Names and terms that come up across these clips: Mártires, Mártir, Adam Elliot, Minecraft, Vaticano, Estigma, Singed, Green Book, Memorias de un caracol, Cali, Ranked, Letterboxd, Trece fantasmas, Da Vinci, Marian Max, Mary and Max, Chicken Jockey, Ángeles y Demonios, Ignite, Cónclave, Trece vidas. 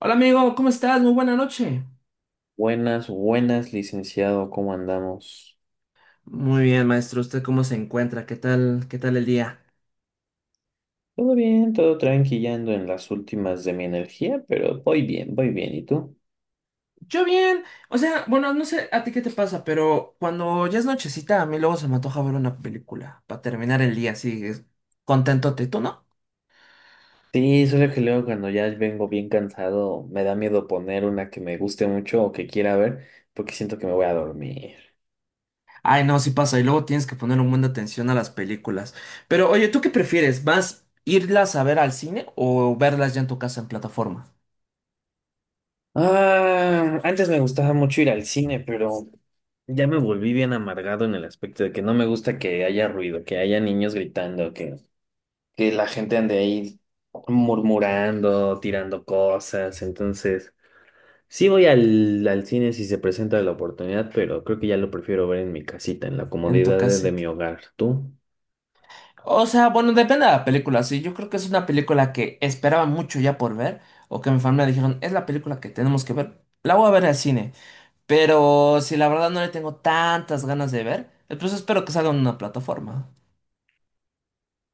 Hola amigo, ¿cómo estás? Muy buena noche. Buenas, buenas, licenciado, ¿cómo andamos? Muy bien, maestro. ¿Usted cómo se encuentra? ¿Qué tal? ¿Qué tal el día? Todo bien, todo tranquilando en las últimas de mi energía, pero voy bien, voy bien. ¿Y tú? Yo bien, o sea, bueno, no sé a ti qué te pasa, pero cuando ya es nochecita, a mí luego se me antoja ver una película para terminar el día así, contentote, ¿tú no? Sí, solo que luego cuando ya vengo bien cansado, me da miedo poner una que me guste mucho o que quiera ver, porque siento que me voy a dormir. Ay, no, sí pasa, y luego tienes que poner un buen de atención a las películas. Pero oye, ¿tú qué prefieres? ¿Vas irlas a ver al cine o verlas ya en tu casa en plataforma? Ah, antes me gustaba mucho ir al cine, pero ya me volví bien amargado en el aspecto de que no me gusta que haya ruido, que haya niños gritando, que la gente ande ahí murmurando, tirando cosas. Entonces, sí voy al cine si se presenta la oportunidad, pero creo que ya lo prefiero ver en mi casita, en la En tu comodidad de casa. mi hogar. ¿Tú? O sea, bueno, depende de la película, sí. Yo creo que es una película que esperaba mucho ya por ver, o que mi familia dijeron, es la película que tenemos que ver, la voy a ver al cine. Pero si la verdad no le tengo tantas ganas de ver, entonces espero que salga en una plataforma.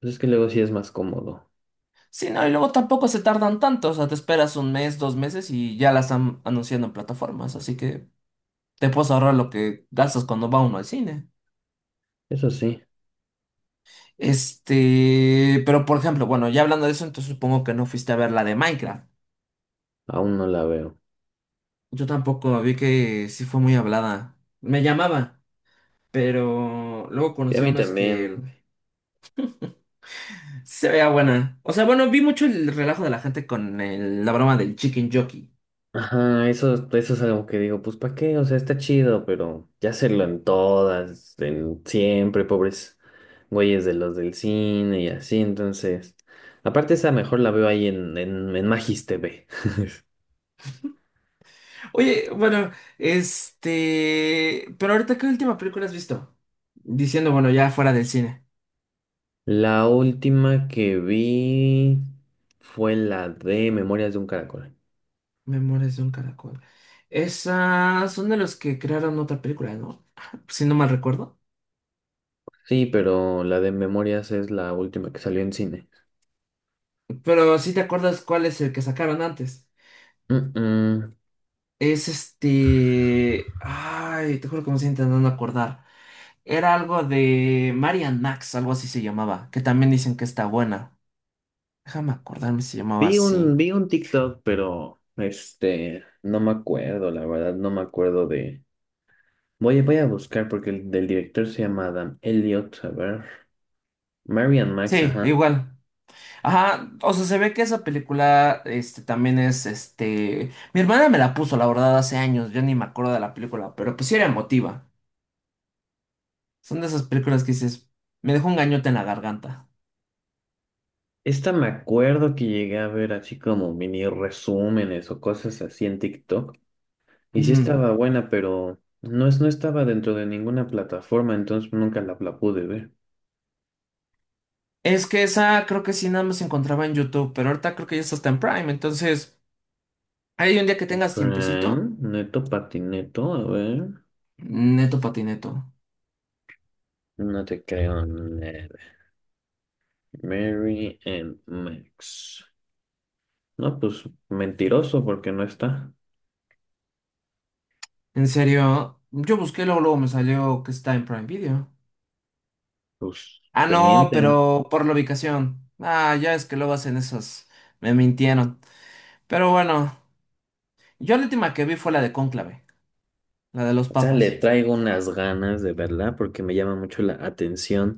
Pues es que luego sí es más cómodo. Sí, no, y luego tampoco se tardan tanto, o sea, te esperas un mes, dos meses y ya la están anunciando en plataformas, así que te puedes ahorrar lo que gastas cuando va uno al cine. Eso sí, Este, pero por ejemplo, bueno, ya hablando de eso, entonces supongo que no fuiste a ver la de Minecraft. aún no la veo. Yo tampoco vi que sí fue muy hablada. Me llamaba, pero luego Y a conocí a mí unos también. que se veía buena. O sea, bueno, vi mucho el relajo de la gente con la broma del Chicken Jockey. Ajá, eso es algo que digo, pues ¿para qué? O sea, está chido, pero ya hacerlo en todas, en siempre, pobres güeyes de los del cine y así, entonces. Aparte esa mejor la veo ahí en Magis TV. Oye, bueno, pero ahorita, ¿qué última película has visto? Diciendo, bueno, ya fuera del cine. La última que vi fue la de Memorias de un Caracol. Memorias de un caracol. Esas son de los que crearon otra película, ¿no? Si no mal recuerdo. Sí, pero la de Memorias es la última que salió en cine. Pero sí te acuerdas cuál es el que sacaron antes. Mm, mm. Es este. Ay, te juro que me estoy intentando acordar. Era algo de Marian Max, algo así se llamaba, que también dicen que está buena. Déjame acordarme si se llamaba Vi así. un, vi un TikTok, pero no me acuerdo, la verdad, no me acuerdo de. Voy a buscar porque el del director se llama Adam Elliot. A ver. Marian Max, Sí, ajá. igual. Ajá, o sea, se ve que esa película, también es, mi hermana me la puso, la verdad, hace años, yo ni me acuerdo de la película, pero pues sí era emotiva. Son de esas películas que dices, me dejó un gañote en la garganta. Esta me acuerdo que llegué a ver así como mini resúmenes o cosas así en TikTok. Y sí Ujú. estaba buena, pero no, es, no estaba dentro de ninguna plataforma, entonces nunca la pude ver. Es que esa creo que sí nada más se encontraba en YouTube, pero ahorita creo que ya está hasta en Prime, entonces hay un día que tengas tiempecito, Prime, Neto Patineto, a ver. neto patineto. No te creo nada. Mary and Max. No, pues mentiroso porque no está. En serio, yo busqué, luego, luego me salió que está en Prime Video. Pues Ah, te no, mienten. pero por la ubicación. Ah, ya es que luego hacen esos. Me mintieron. Pero bueno, yo la última que vi fue la de Cónclave, la de los Sea, le papas. traigo unas ganas de verla porque me llama mucho la atención,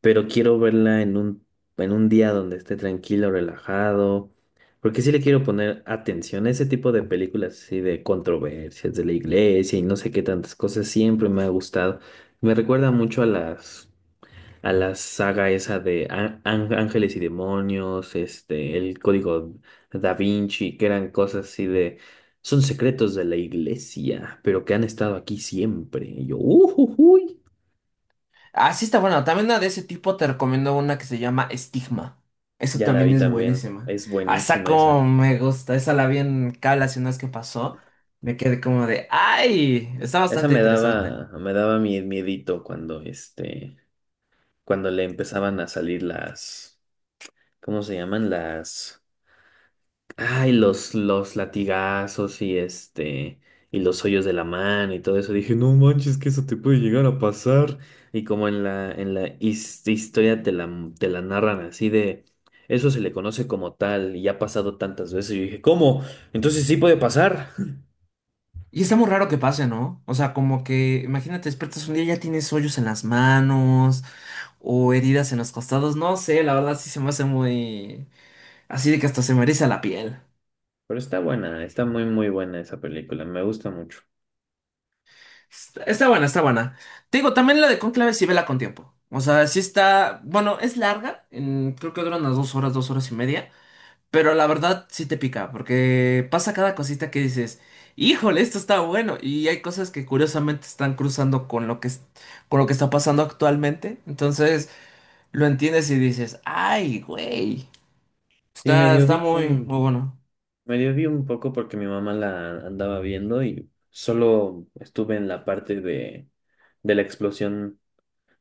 pero quiero verla en un día donde esté tranquilo, relajado, porque sí le quiero poner atención. Ese tipo de películas así de controversias de la iglesia y no sé qué tantas cosas siempre me ha gustado. Me recuerda mucho a la saga esa de Ángeles y Demonios, el código Da Vinci, que eran cosas así de, son secretos de la iglesia, pero que han estado aquí siempre. Y yo, uy, Ah, sí está buena. También una de ese tipo te recomiendo una que se llama Estigma. Eso ya la también vi es también, buenísima. es Ah, esa buenísima esa. como me gusta. Esa la vi en cable hace unas que pasó. Me quedé como de, ¡ay! Está Esa bastante me interesante. daba, me daba mi miedito cuando, cuando le empezaban a salir las, ¿cómo se llaman? Las... Ay, los latigazos y los hoyos de la mano y todo eso. Dije, no manches, que eso te puede llegar a pasar. Y como en la historia te la narran así de, eso se le conoce como tal y ha pasado tantas veces. Y dije, ¿cómo? Entonces sí puede pasar. Y está muy raro que pase, ¿no? O sea, como que, imagínate, despiertas un día y ya tienes hoyos en las manos o heridas en los costados. No sé, la verdad sí se me hace muy... Así de que hasta se me eriza la piel. Pero está buena, está muy, muy buena esa película, me gusta mucho. Está buena, está buena. Te digo, también la de Cónclave sí vela con tiempo. O sea, sí está... Bueno, es larga. Creo que dura unas 2 horas, 2 horas y media. Pero la verdad sí te pica, porque pasa cada cosita que dices, híjole, esto está bueno. Y hay cosas que curiosamente están cruzando con lo que, con lo que está pasando actualmente. Entonces lo entiendes y dices, ay, güey, Sí, está, medio está vi muy, un, muy bueno. medio vi un poco porque mi mamá la andaba viendo y solo estuve en la parte de la explosión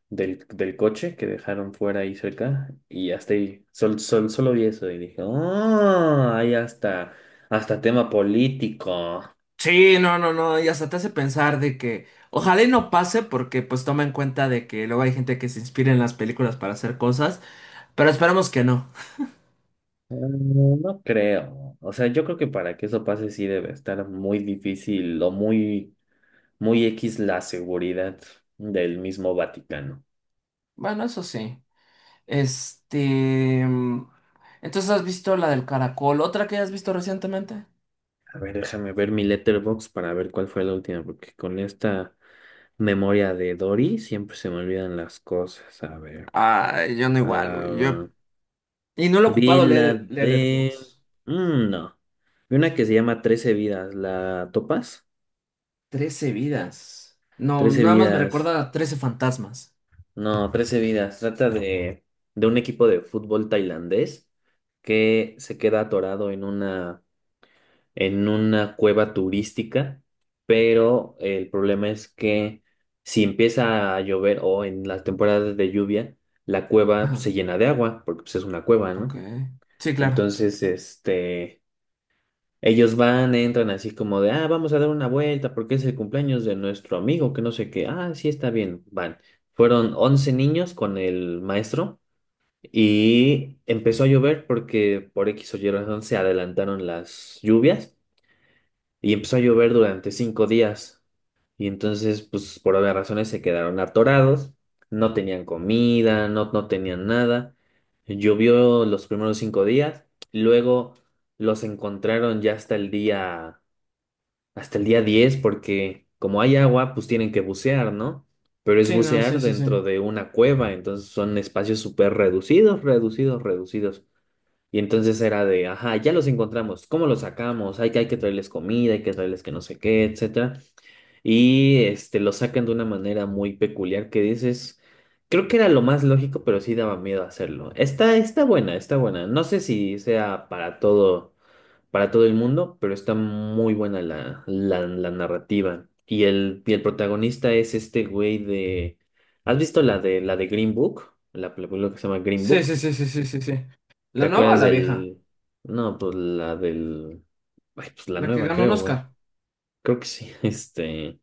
del coche que dejaron fuera ahí cerca y hasta ahí, solo vi eso y dije, oh, hay hasta tema político. Sí, no, no, no, y hasta te hace pensar de que ojalá y no pase porque pues toma en cuenta de que luego hay gente que se inspira en las películas para hacer cosas, pero esperamos que no. Mm, no creo. O sea, yo creo que para que eso pase sí debe estar muy difícil o muy, muy X la seguridad del mismo Vaticano. Bueno, eso sí. Este. mm, Entonces, ¿has visto la del caracol? ¿Otra que has visto recientemente? A ver, déjame ver mi letterbox para ver cuál fue la última, porque con esta memoria de Dory siempre se me olvidan las cosas. A ver. Ah, yo no igual, güey. Ah Y no lo he Vi ocupado la leer de... Letterboxd. Mm, no. Vi una que se llama Trece vidas. ¿La topas? Trece vidas. No, Trece nada más me vidas. recuerda a Trece fantasmas. No, Trece vidas. Trata de un equipo de fútbol tailandés que se queda atorado en una cueva turística, pero el problema es que si empieza a llover o en las temporadas de lluvia, la Ajá, cueva se llena de agua, porque pues, es una cueva, ok. ¿no? Sí, claro. Entonces, ellos van, entran así como de, ah, vamos a dar una vuelta porque es el cumpleaños de nuestro amigo, que no sé qué, ah, sí está bien, van. Fueron 11 niños con el maestro y empezó a llover porque por X o Y razón se adelantaron las lluvias y empezó a llover durante 5 días. Y entonces, pues por obvias razones se quedaron atorados, no tenían comida, no, no tenían nada. Llovió los primeros 5 días, luego los encontraron ya hasta el día 10 porque como hay agua, pues tienen que bucear, ¿no? Pero es Sí, no, sí, bucear sí, sí. dentro de una cueva, entonces son espacios súper reducidos, reducidos, reducidos. Y entonces era de, ajá, ya los encontramos, ¿cómo los sacamos? Hay que traerles comida, hay que traerles que no sé qué, etcétera. Y los sacan de una manera muy peculiar que dices, creo que era lo más lógico, pero sí daba miedo hacerlo. Está buena, está buena. No sé si sea para todo el mundo, pero está muy buena la narrativa. Y el protagonista es este güey de... ¿Has visto la de Green Book? La película que se llama Green Sí, Book. sí, sí, sí, sí, sí, sí. ¿La ¿Te nueva o acuerdas la vieja? del... No, pues la del... Ay, pues la La que nueva, ganó un creo, güey. Oscar. Creo que sí. Este...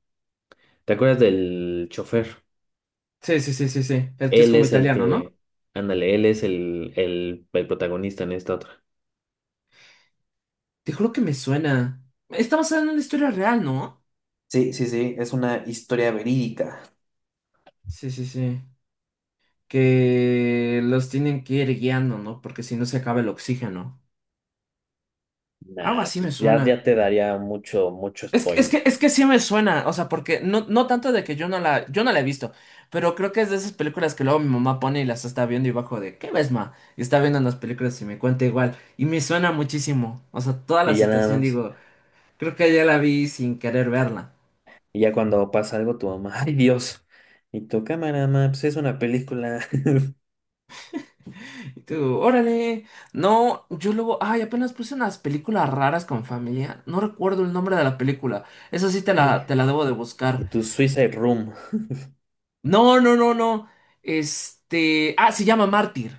¿Te acuerdas del chofer? Sí, sí, sí, sí, sí. El que es Él como es el italiano, ¿no? que... Ándale, él es el protagonista en esta otra. Te juro que me suena. Está basada en una historia real, ¿no? Sí, sí, sí, es una historia verídica. Sí, sí, sí, que los tienen que ir guiando, ¿no? Porque si no se acaba el oxígeno. Algo Nah, así me pues, ya, suena. ya te daría mucho, mucho Es que, es spoiler. que, es que sí me suena, o sea, porque no, no tanto de que yo no la he visto, pero creo que es de esas películas que luego mi mamá pone y las está viendo y bajo de, ¿qué ves, ma? Y está viendo las películas y me cuenta igual. Y me suena muchísimo, o sea, toda la Y ya nada situación, más. digo, creo que ya la vi sin querer verla. Y ya cuando pasa algo, tu mamá, ay Dios. Y tu cámara, ma, pues es una película. Y tú, órale. No, yo luego, ay, apenas puse unas películas raras con familia. No recuerdo el nombre de la película. Esa sí Y te la debo de buscar. tu Suicide Room. No, no, no, no. Se llama Mártir.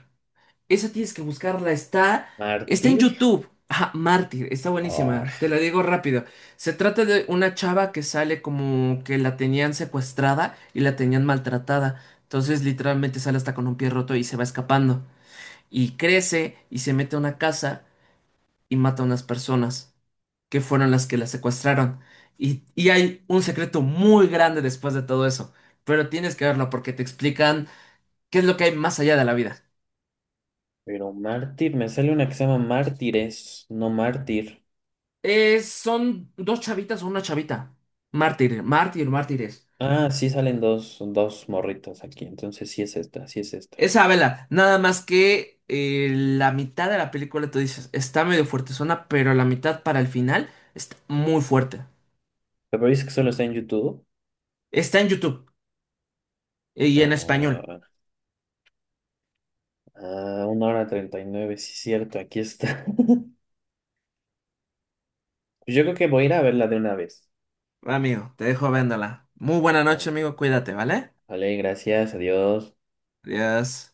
Esa tienes que buscarla. Está en ¿Mártir? YouTube. Ah, Mártir, está Ah, buenísima. Te la digo rápido. Se trata de una chava que sale como que la tenían secuestrada y la tenían maltratada. Entonces, literalmente sale hasta con un pie roto y se va escapando. Y crece y se mete a una casa y mata a unas personas que fueron las que la secuestraron. Y hay un secreto muy grande después de todo eso, pero tienes que verlo porque te explican qué es lo que hay más allá de la vida. pero Mártir, me sale una que se llama Mártires, no Mártir. Son dos chavitas o una chavita. Mártires. Ah, sí salen dos morritos aquí. Entonces sí es esta, sí es esta. Esa vela, nada más que la mitad de la película tú dices, está medio fuertezona, pero la mitad para el final está muy fuerte. Pero dices que solo está en YouTube. Está en YouTube y en español. Ah, una hora treinta y nueve, sí, es cierto, aquí está. Pues yo creo que voy a ir a verla de una vez. Amigo, te dejo viéndola. Muy buena Ah, noche, amigo, cuídate, ¿vale? vale, gracias, adiós. Adiós.